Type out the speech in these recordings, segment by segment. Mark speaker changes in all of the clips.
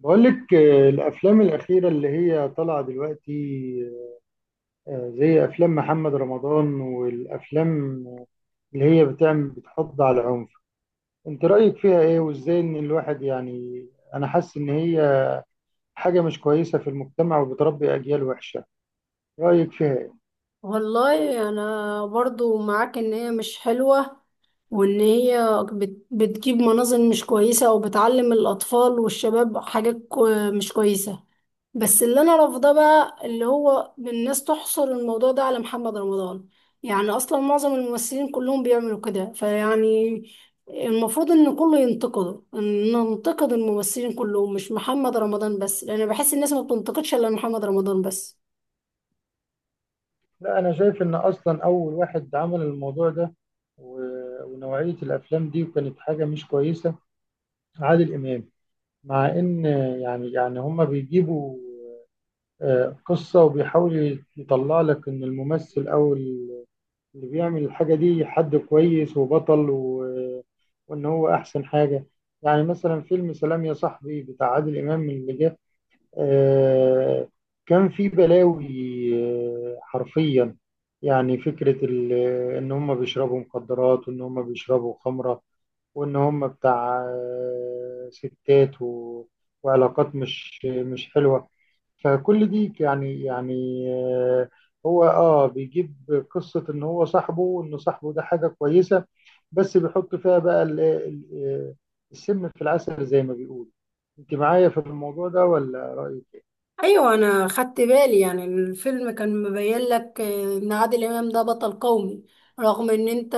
Speaker 1: بقول لك الافلام الاخيره اللي هي طالعه دلوقتي. زي افلام محمد رمضان والافلام اللي هي بتحض على العنف. انت رايك فيها ايه وازاي ان الواحد، يعني انا حاسس ان هي حاجه مش كويسه في المجتمع وبتربي اجيال وحشه. رايك فيها ايه؟
Speaker 2: والله انا برضو معاك ان هي مش حلوة، وان هي بتجيب مناظر مش كويسة، او بتعلم الاطفال والشباب حاجات مش كويسة. بس اللي انا رافضاه بقى اللي هو الناس تحصر الموضوع ده على محمد رمضان. يعني اصلا معظم الممثلين كلهم بيعملوا كده، فيعني المفروض ان كله ينتقده، ان ننتقد الممثلين كلهم مش محمد رمضان بس، لان بحس الناس ما بتنتقدش الا محمد رمضان بس.
Speaker 1: لا، انا شايف ان اصلا اول واحد عمل الموضوع ده ونوعيه الافلام دي وكانت حاجه مش كويسه، عادل امام. مع ان، يعني، هما بيجيبوا قصة وبيحاول يطلع لك إن الممثل أو اللي بيعمل الحاجة دي حد كويس وبطل وإن هو أحسن حاجة. يعني مثلا فيلم سلام يا صاحبي بتاع عادل إمام اللي جاي، آه، كان في بلاوي. حرفيا، يعني فكرة إن هم بيشربوا مخدرات وإن هم بيشربوا خمرة، وإن هم بتاع ستات وعلاقات مش حلوة. فكل دي يعني، آه، هو بيجيب قصة ان هو صاحبه، وان صاحبه ده حاجة كويسة. بس بيحط فيها بقى السم في العسل زي ما بيقول. انت معايا في الموضوع ده ولا رأيك؟
Speaker 2: ايوه انا خدت بالي، يعني الفيلم كان مبين لك ان عادل امام ده بطل قومي، رغم ان انت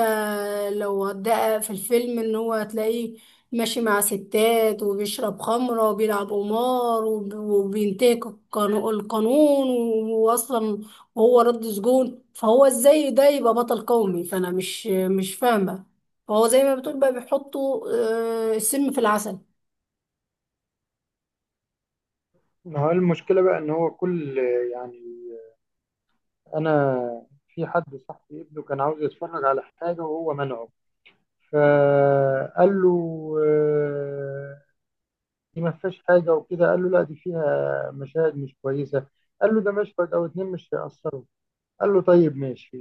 Speaker 2: لو هتدقق في الفيلم ان هو هتلاقيه ماشي مع ستات، وبيشرب خمرة، وبيلعب قمار، وبينتهك القانون. واصلا وهو رد سجون، فهو ازاي ده يبقى بطل قومي؟ فانا مش فاهمة. فهو زي ما بتقول بقى بيحطوا السم في العسل.
Speaker 1: ما هو المشكلة بقى إن هو كل، يعني، أنا في حد صاحبي ابنه كان عاوز يتفرج على حاجة وهو منعه. فقال له آه، دي ما فيهاش حاجة وكده. قال له لا، دي فيها مشاهد مش كويسة. قال له ده مشهد أو اتنين مش هيأثروا. قال له طيب ماشي،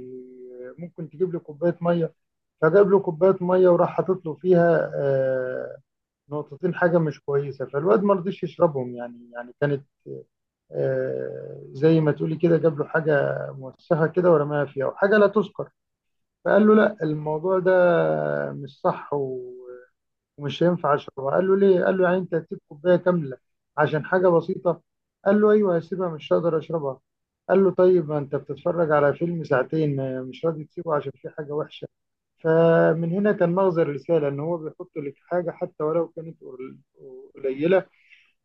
Speaker 1: ممكن تجيب لي كوباية مية؟ فجاب له كوباية مية، وراح حاطط له فيها نقطتين حاجة مش كويسة. فالواد ما رضيش يشربهم. يعني، كانت، زي ما تقولي كده، جاب له حاجة موسخة كده ورماها فيها، وحاجة لا تذكر. فقال له لا، الموضوع ده مش صح ومش هينفع أشربها. قال له ليه؟ قال له يعني أنت هتسيب كوباية كاملة عشان حاجة بسيطة؟ قال له أيوه، هسيبها، مش هقدر أشربها. قال له طيب، ما أنت بتتفرج على فيلم ساعتين مش راضي تسيبه عشان فيه حاجة وحشة. فمن هنا كان مغزى الرسالة، إن هو بيحط لك حاجة حتى ولو كانت قليلة،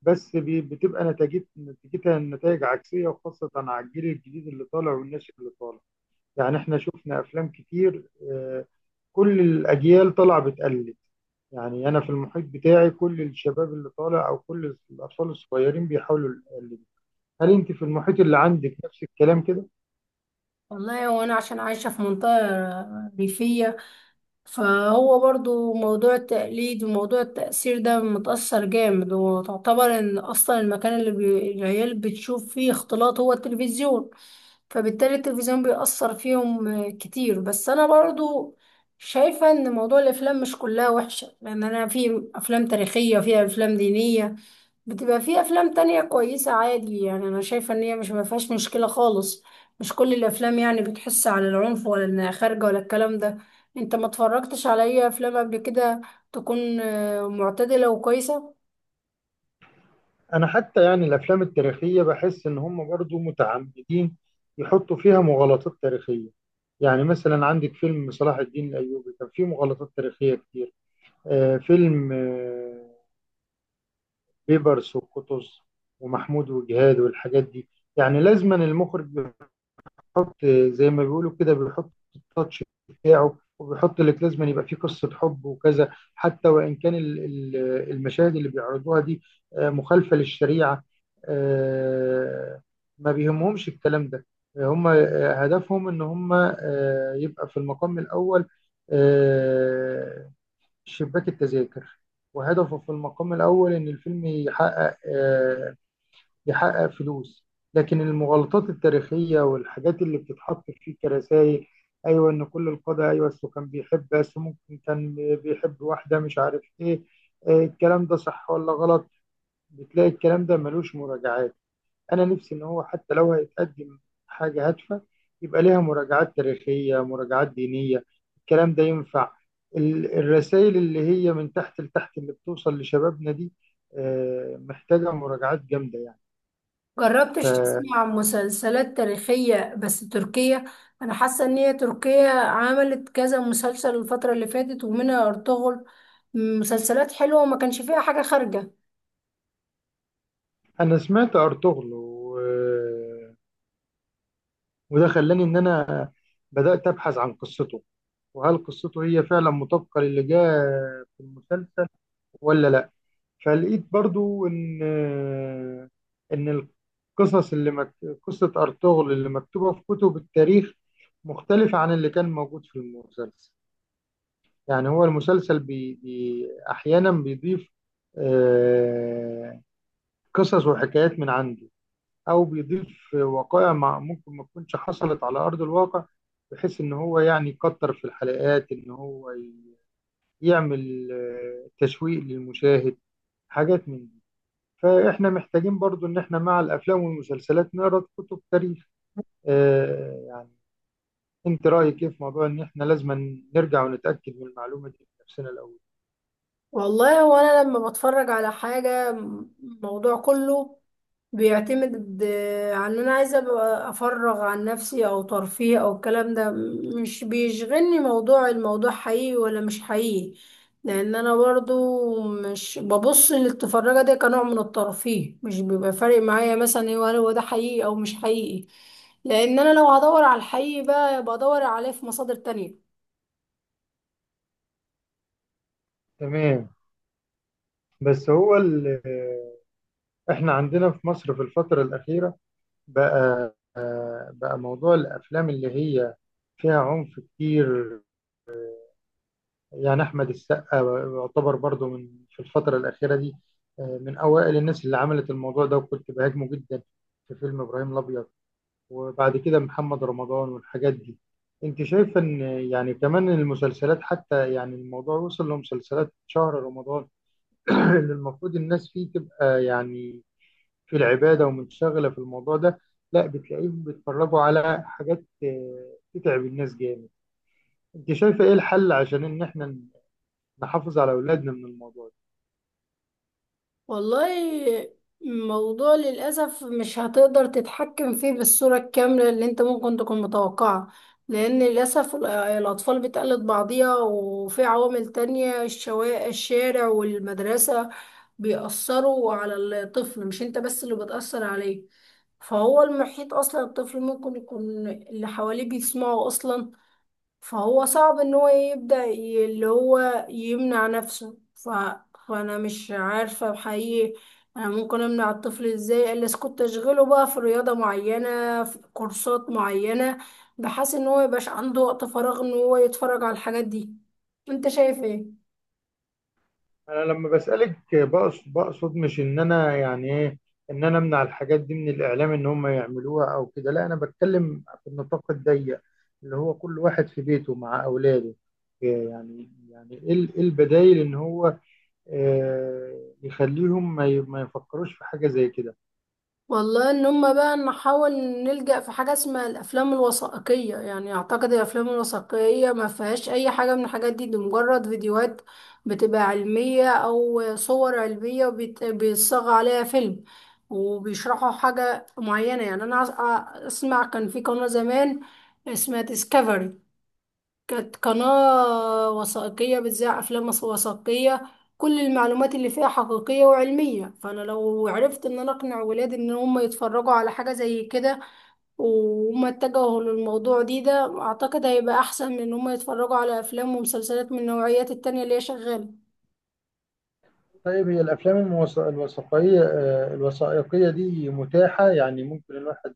Speaker 1: بس بتبقى نتيجتها نتائج عكسية، وخاصة على الجيل الجديد اللي طالع والناشئ اللي طالع. يعني احنا شفنا أفلام كتير. آه، كل الأجيال طالعة بتقلد. يعني أنا في المحيط بتاعي كل الشباب اللي طالع، أو كل الأطفال الصغيرين بيحاولوا يقلدوا. هل أنت في المحيط اللي عندك نفس الكلام كده؟
Speaker 2: والله وانا عشان عايشة في منطقة ريفية، فهو برضو موضوع التقليد وموضوع التأثير ده متأثر جامد. وتعتبر ان اصلا المكان اللي العيال بتشوف فيه اختلاط هو التلفزيون، فبالتالي التلفزيون بيأثر فيهم كتير. بس انا برضو شايفة ان موضوع الافلام مش كلها وحشة، لان انا في افلام تاريخية، فيها افلام دينية، بتبقى في افلام تانية كويسة عادي. يعني انا شايفة ان هي مش ما فيهاش مشكلة خالص، مش كل الافلام يعني بتحس على العنف، ولا انها خارجه، ولا الكلام ده. انت ما اتفرجتش على اي افلام قبل كده تكون معتدله وكويسه؟
Speaker 1: أنا حتى يعني الأفلام التاريخية بحس إن هم برضو متعمدين يحطوا فيها مغالطات تاريخية. يعني مثلا عندك فيلم صلاح الدين الأيوبي، كان فيه مغالطات تاريخية كتير. فيلم بيبرس وقطز ومحمود وجهاد والحاجات دي. يعني لازما المخرج بيحط، زي ما بيقولوا كده، بيحط التاتش بتاعه، وبيحط لك لازما يبقى فيه قصة حب وكذا، حتى وإن كان المشاهد اللي بيعرضوها دي مخالفة للشريعة. آه، ما بيهمهمش الكلام ده. هم هدفهم ان هم يبقى في المقام الأول آه، شباك التذاكر. وهدفه في المقام الأول إن الفيلم يحقق فلوس. لكن المغالطات التاريخية والحاجات اللي بتتحط فيه كرسائل، أيوة، إن كل القادة، أيوة، أصله كان بيحب، بس ممكن كان بيحب واحدة مش عارف إيه، الكلام ده صح ولا غلط؟ بتلاقي الكلام ده ملوش مراجعات. انا نفسي ان هو حتى لو هيتقدم حاجه هادفه، يبقى ليها مراجعات تاريخيه، مراجعات دينيه، الكلام ده ينفع. الرسائل اللي هي من تحت لتحت اللي بتوصل لشبابنا دي محتاجه مراجعات جامده يعني.
Speaker 2: جربتش
Speaker 1: فانا
Speaker 2: تسمع عن مسلسلات تاريخيه بس تركية؟ انا حاسه ان هي تركيا عملت كذا مسلسل الفتره اللي فاتت، ومنها ارطغرل، مسلسلات حلوه وما كانش فيها حاجه خارجه.
Speaker 1: سمعت ارطغرل، وده خلاني ان انا بدات ابحث عن قصته، وهل قصته هي فعلا مطابقه للي جاء في المسلسل ولا لا. فلقيت برضو ان ان القصص قصة ارطغرل اللي مكتوبة في كتب التاريخ مختلفة عن اللي كان موجود في المسلسل. يعني هو المسلسل احيانا بيضيف آه، قصص وحكايات من عنده، او بيضيف وقائع ممكن ما تكونش حصلت على ارض الواقع، بحيث ان هو يعني يكتر في الحلقات، ان هو يعمل تشويق للمشاهد، حاجات من دي. فاحنا محتاجين برضو ان احنا مع الافلام والمسلسلات نقرا كتب تاريخ يعني. انت رايك ايه في موضوع ان احنا لازم نرجع ونتاكد من المعلومه دي بنفسنا الاول؟
Speaker 2: والله هو انا لما بتفرج على الموضوع كله بيعتمد على ان انا عايزه ابقى افرغ عن نفسي، او ترفيه، او الكلام ده. مش بيشغلني موضوع الموضوع حقيقي ولا مش حقيقي، لان انا برضو مش ببص للتفرجه ده كنوع من الترفيه. مش بيبقى فارق معايا مثلا ايه، هل هو ده حقيقي او مش حقيقي، لان انا لو هدور على الحقيقي بقى بدور عليه في مصادر تانية.
Speaker 1: تمام. بس هو احنا عندنا في مصر في الفتره الاخيره بقى، موضوع الافلام اللي هي فيها عنف كتير. يعني احمد السقا يعتبر برضو من، في الفتره الاخيره دي، من اوائل الناس اللي عملت الموضوع ده، وكنت بهاجمه جدا في فيلم ابراهيم الابيض، وبعد كده محمد رمضان والحاجات دي. انت شايف ان، يعني، كمان المسلسلات، حتى يعني الموضوع وصل لمسلسلات شهر رمضان اللي المفروض الناس فيه تبقى يعني في العبادة ومنشغلة في الموضوع ده. لا، بتلاقيهم بيتفرجوا على حاجات تتعب الناس جامد. انت شايفة ايه الحل عشان ان احنا نحافظ على اولادنا من الموضوع ده؟
Speaker 2: والله الموضوع للأسف مش هتقدر تتحكم فيه بالصورة الكاملة اللي انت ممكن تكون متوقعة، لأن للأسف الأطفال بتقلد بعضيها، وفي عوامل تانية، الشارع والمدرسة بيأثروا على الطفل. مش انت بس اللي بتأثر عليه، فهو المحيط أصلا الطفل ممكن يكون اللي حواليه بيسمعه أصلا. فهو صعب ان هو يبدأ اللي هو يمنع نفسه فانا مش عارفة بحقيقي. انا ممكن امنع الطفل ازاي الا اسكت اشغله بقى في رياضة معينة، في كورسات معينة، بحيث ان هو ميبقاش عنده وقت فراغ ان هو يتفرج على الحاجات دي. انت شايف ايه؟
Speaker 1: انا لما بسألك بقصد، بقصد مش ان انا يعني ايه، ان انا امنع الحاجات دي من الاعلام ان هم يعملوها او كده. لا، انا بتكلم في النطاق الضيق اللي هو كل واحد في بيته مع اولاده. إيه، يعني، إيه البدايل ان هو يخليهم ما يفكروش في حاجة زي كده؟
Speaker 2: والله ان هم بقى نحاول نلجأ في حاجة اسمها الافلام الوثائقية. يعني اعتقد الافلام الوثائقية ما فيهاش اي حاجة من الحاجات دي، دي مجرد فيديوهات بتبقى علمية، او صور علمية وبيت- بيتصاغ عليها فيلم وبيشرحوا حاجة معينة. يعني انا اسمع كان في قناة زمان اسمها ديسكفري، كانت قناة وثائقية بتذاع أفلام وثائقية، كل المعلومات اللي فيها حقيقية وعلمية. فأنا لو عرفت إن أنا أقنع ولادي إن هم يتفرجوا على حاجة زي كده وهم اتجهوا للموضوع دي، ده أعتقد هيبقى أحسن من إن هم يتفرجوا على أفلام ومسلسلات من النوعيات التانية اللي هي شغالة.
Speaker 1: طيب هي الافلام الوثائقية الوثائقية دي متاحة؟ يعني ممكن الواحد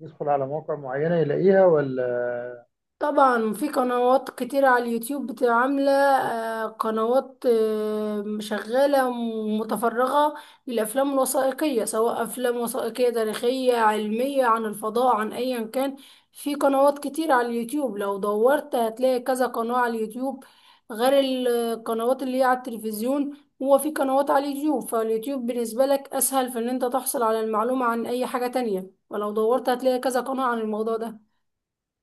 Speaker 1: يدخل على مواقع معينة يلاقيها ولا؟
Speaker 2: طبعا في قنوات كتير على اليوتيوب بتبقى عاملة قنوات شغالة متفرغة للأفلام الوثائقية، سواء أفلام وثائقية تاريخية، علمية، عن الفضاء، عن أيا كان. في قنوات كتير على اليوتيوب، لو دورت هتلاقي كذا قناة على اليوتيوب غير القنوات اللي هي على التلفزيون. هو في قنوات على اليوتيوب، فاليوتيوب بالنسبة لك أسهل في إن أنت تحصل على المعلومة عن أي حاجة تانية، ولو دورت هتلاقي كذا قناة عن الموضوع ده.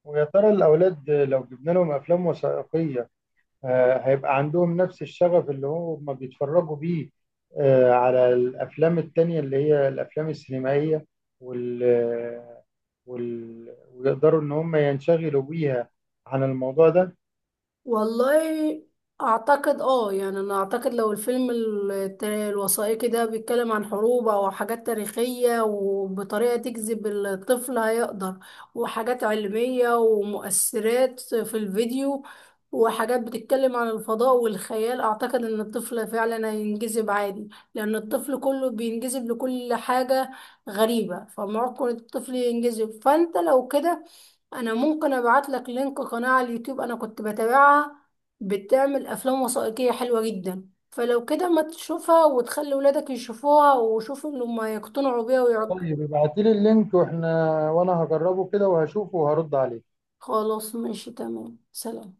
Speaker 1: ويا ترى الأولاد لو جبنا لهم أفلام وثائقية هيبقى عندهم نفس الشغف اللي هم بيتفرجوا بيه على الأفلام التانية اللي هي الأفلام السينمائية وال... ويقدروا إن هم ينشغلوا بيها عن الموضوع ده؟
Speaker 2: والله اعتقد اه، يعني انا اعتقد لو الفيلم الوثائقي ده بيتكلم عن حروب او حاجات تاريخية وبطريقة تجذب الطفل هيقدر، وحاجات علمية ومؤثرات في الفيديو وحاجات بتتكلم عن الفضاء والخيال، اعتقد ان الطفل فعلا هينجذب عادي، لان الطفل كله بينجذب لكل حاجة غريبة. فممكن الطفل ينجذب، فانت لو كده انا ممكن ابعت لك لينك قناة على اليوتيوب انا كنت بتابعها، بتعمل افلام وثائقية حلوة جدا. فلو كده ما تشوفها وتخلي ولادك يشوفوها وشوفوا ان هم يقتنعوا بيها ويعج...
Speaker 1: طيب ابعتيلي اللينك، واحنا وأنا هجربه كده وهشوفه وهرد عليه.
Speaker 2: خلاص ماشي، تمام، سلام.